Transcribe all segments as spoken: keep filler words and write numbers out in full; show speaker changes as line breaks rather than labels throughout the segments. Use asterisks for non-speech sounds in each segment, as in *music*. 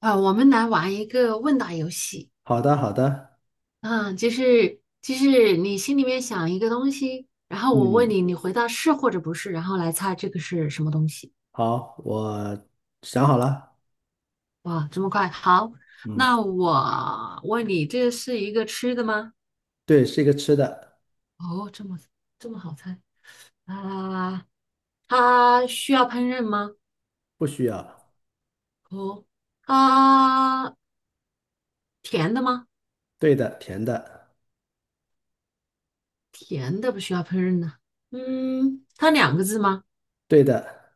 啊，我们来玩一个问答游戏。
好的，好的，
嗯，就是就是你心里面想一个东西，然后我问
嗯，
你，你回答是或者不是，然后来猜这个是什么东西。
好，我想好了。
哇，这么快！好，
嗯，
那我问你，这是一个吃的吗？
对，是一个吃的。
哦，这么这么好猜啊？它需要烹饪吗？
不需要。
哦，啊，甜的吗？
对的，甜的。
甜的不需要烹饪呢。嗯，它两个字吗？
对的。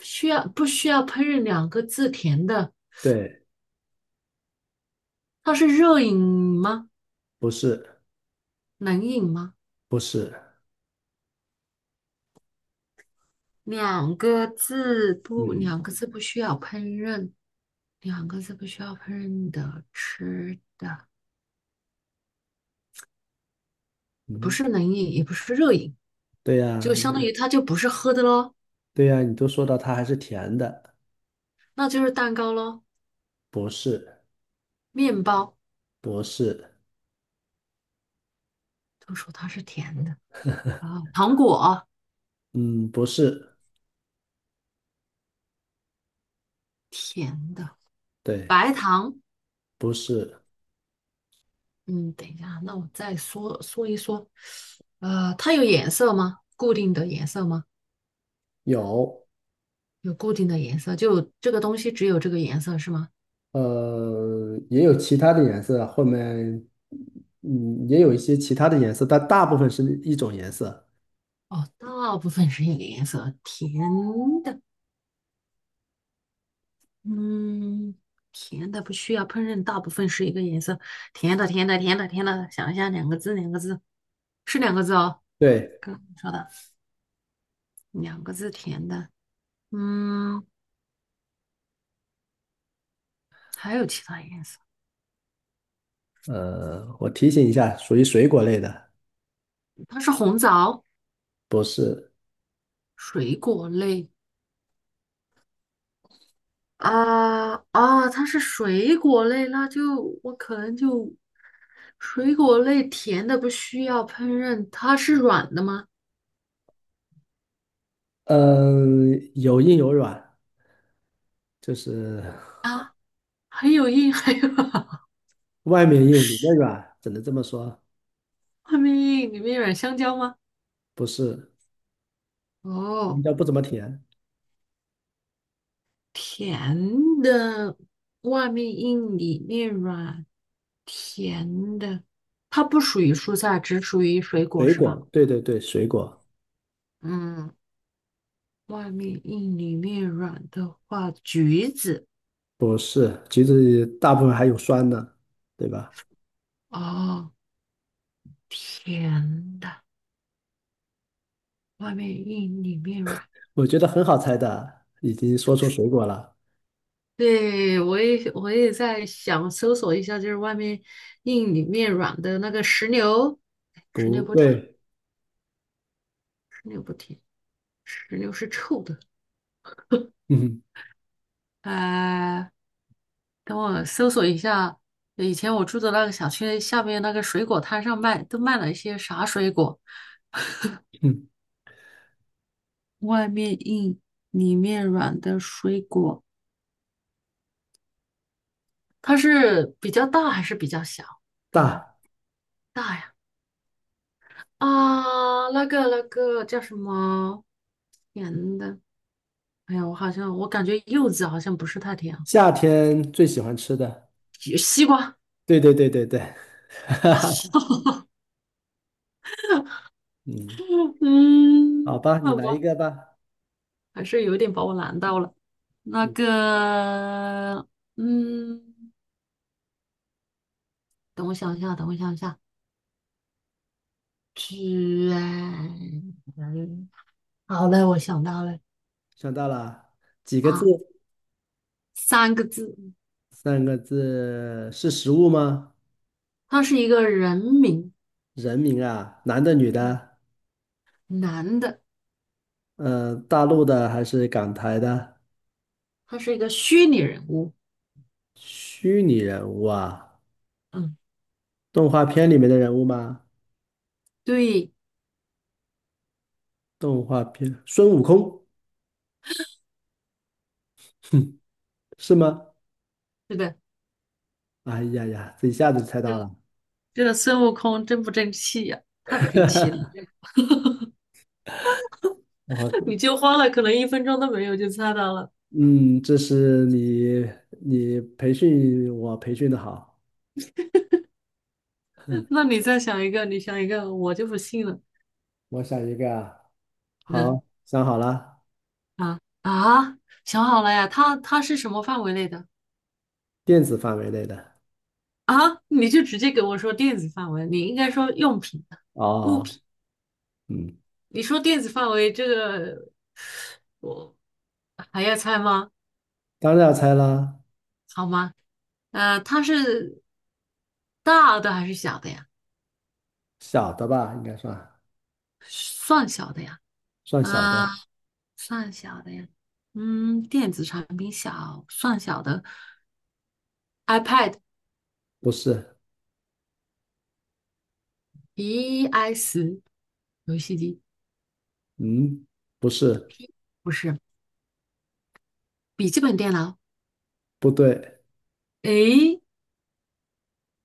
需要不需要烹饪两个字甜的？
对。
它是热饮吗？
不是。
冷饮吗？
不是。
两个字不，
嗯
两个字不需要烹饪，两个字不需要烹饪的吃的，不
嗯，
是冷饮，也不是热饮，
对
就
呀。
相当于它就不是喝的咯，
对呀，你都说到它还是甜的。
那就是蛋糕咯，
不是。
面包
不是。
都说它是甜的啊，糖果
嗯，不是。
甜的，
对。
白糖，
不是。
嗯，等一下，那我再说说一说，呃，它有颜色吗？固定的颜色吗？
有。
有固定的颜色，就这个东西只有这个颜色是吗？
呃，也有其他的颜色，后面，嗯，也有一些其他的颜色，但大部分是一种颜色。
哦，大部分是一个颜色，甜的，嗯，甜的不需要烹饪，大部分是一个颜色，甜的，甜的，甜的，甜的，想一下，两个字，两个字，是两个字哦，
对。
刚刚说的两个字甜的，嗯，还有其他颜色，
呃，我提醒一下，属于水果类的。
它是红枣，
不是。
水果类，啊啊，它是水果类，那就我可能就水果类甜的不需要烹饪，它是软的吗？
嗯、有硬有软，就是 *laughs*
啊，还有硬，还有 *laughs*
外面硬，里面软，只能这么说。
外面硬，里面软，香蕉吗？
不是，应
哦，
该不怎么甜。
甜的，外面硬，里面软，甜的，它不属于蔬菜，只属于水果
水
是吧？
果，对对对，水果。
嗯，外面硬，里面软的话，橘子。
不是，橘子大部分还有酸的，对吧？
哦，甜的。外面硬里面软。
我觉得很好猜的，已经说出水果了。
对，我也我也在想搜索一下，就是外面硬里面软的那个石榴，哎石
不
榴不甜，
对。
石榴不甜，石榴是臭的。
嗯
呃，等我搜索一下，以前我住的那个小区下面那个水果摊上卖，都卖了一些啥水果？
嗯。
外面硬里面软的水果，它是比较大还是比较小的呢？
大。
大呀。啊，那个那个叫什么甜的？哎呀，我好像我感觉柚子好像不是太甜，
夏天最喜欢吃的。
西西瓜。
对对对对对，*laughs* 哈哈。
*laughs*
嗯，好
嗯，
吧，你
好
来一
吧，
个吧。
还是有点把我难到了。那
嗯。
个，嗯，等我想一下，等我想一下，居然，好的，我想到了
想到了几个字？
啊，三个字，
三个字是食物吗？
他是一个人名，
人名啊，男的女的？
男的，
呃，大陆的还是港台的？
他是一个虚拟人物。
虚拟人物啊，
嗯，
动画片里面的人物吗？
对，
动画片，孙悟空是吗？
是的。
哎呀呀，这一下子就猜到
这
了。
这个孙悟空真不争气呀、太不争气了！
*laughs*
*laughs*
我，
你就花了可能一分钟都没有就猜到了，
嗯，这是你你培训我培训的好。
*laughs* 那你再想一个，你想一个，我就不信了。
我想一个啊，
嗯
好，想好了。
啊啊，想好了呀，它它是什么范围内的
电子范围内的。
啊？你就直接给我说电子范围，你应该说用品的物
哦。
品。
嗯。
你说电子范围这个，我还要猜吗？
当然要猜啦。
好吗？呃，它是大的还是小的呀？
小的吧，应该算
算小的呀？
算小
嗯、
的。
算小的呀，嗯，电子产品小，算小的，iPad、
不是。
，i s 游戏机
嗯，不是。
不是，笔记本电脑，
不对。
诶，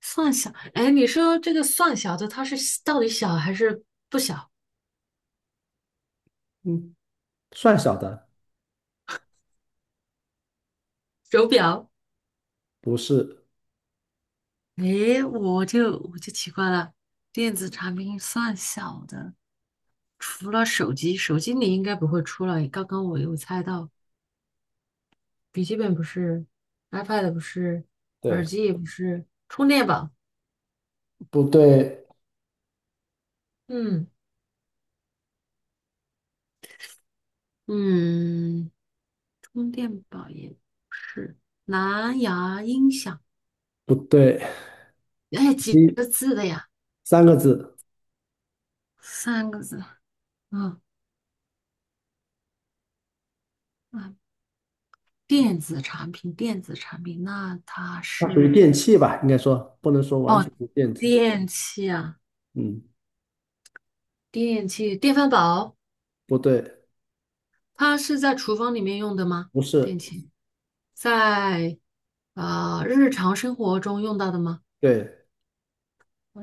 算小，诶，你说这个算小的，它是到底小还是不小？
嗯，算小的。
手表，
不是。
诶，我就我就奇怪了，电子产品算小的，除了手机，手机你应该不会出了，刚刚我有猜到，笔记本不是，iPad 不是，耳
对。
机也不是，充电宝。
不对。
嗯，嗯，充电宝也是，蓝牙音响，
不对。
哎，几
一
个字的呀？
三个字。
三个字。嗯啊，电子产品，电子产品，那它
它属于
是
电器吧，应该说不能说完全不电子。
电器啊，
嗯，
电器，电饭煲，
不对。
它是在厨房里面用的吗？
不是。
电器在呃日常生活中用到的吗？
对。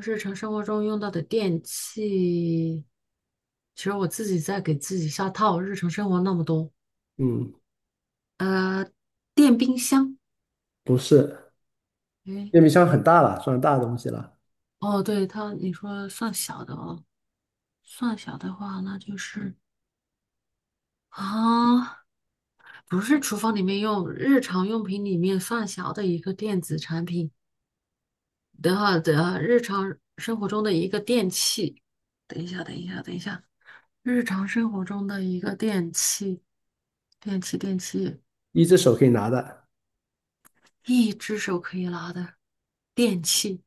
日常生活中用到的电器，其实我自己在给自己下套，日常生活那么多。
嗯，
电冰箱，
不是。
诶，
电冰箱很大了，算大的东西了。
哦，对，它，你说算小的哦，算小的话，那就是啊，不是厨房里面用，日常用品里面算小的一个电子产品的话的日常生活中的一个电器。等一下，等一下，等一下，日常生活中的一个电器，电器，电器，
一只手可以拿的。
一只手可以拿的电器。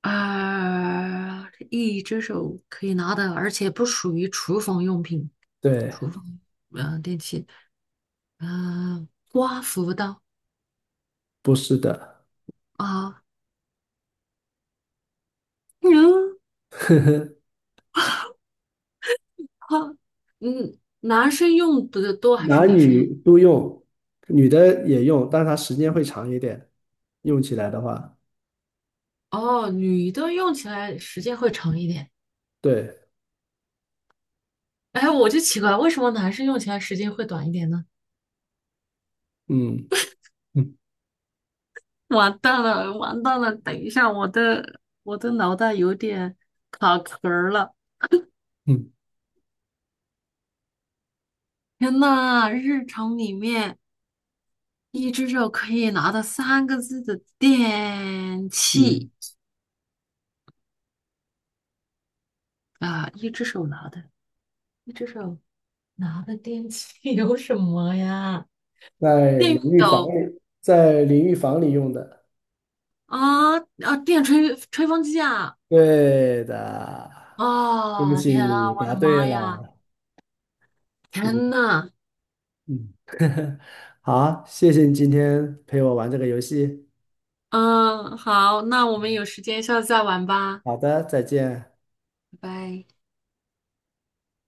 啊、一只手可以拿的，而且不属于厨房用品，
对。
厨房呃电器，嗯、刮胡刀
不是的。
啊，嗯，好，嗯，男生用的多还是
男
女生用？
女都用，女的也用，但是它时间会长一点，用起来的话。
哦，女的用起来时间会长一点。
对。
哎，我就奇怪，为什么男生用起来时间会短一点呢？
嗯嗯
*laughs* 完蛋了，完蛋了！等一下，我的我的脑袋有点卡壳儿了。
嗯。
天呐，日常里面。一只手可以拿到三个字的电
是
器啊，一只手拿的，一只手拿的电器 *laughs* 有什么呀？
在
电
淋
熨
浴房
斗
里，在淋浴房里用的。
啊啊，电吹吹风机啊！
对的。对不
啊，
起，
天啊，
你
我
答
的
对
妈呀！
了。嗯
天呐，
嗯。好，谢谢你今天陪我玩这个游戏。
嗯，好，那我们有时间下次再玩吧，
好的，再见。
拜拜。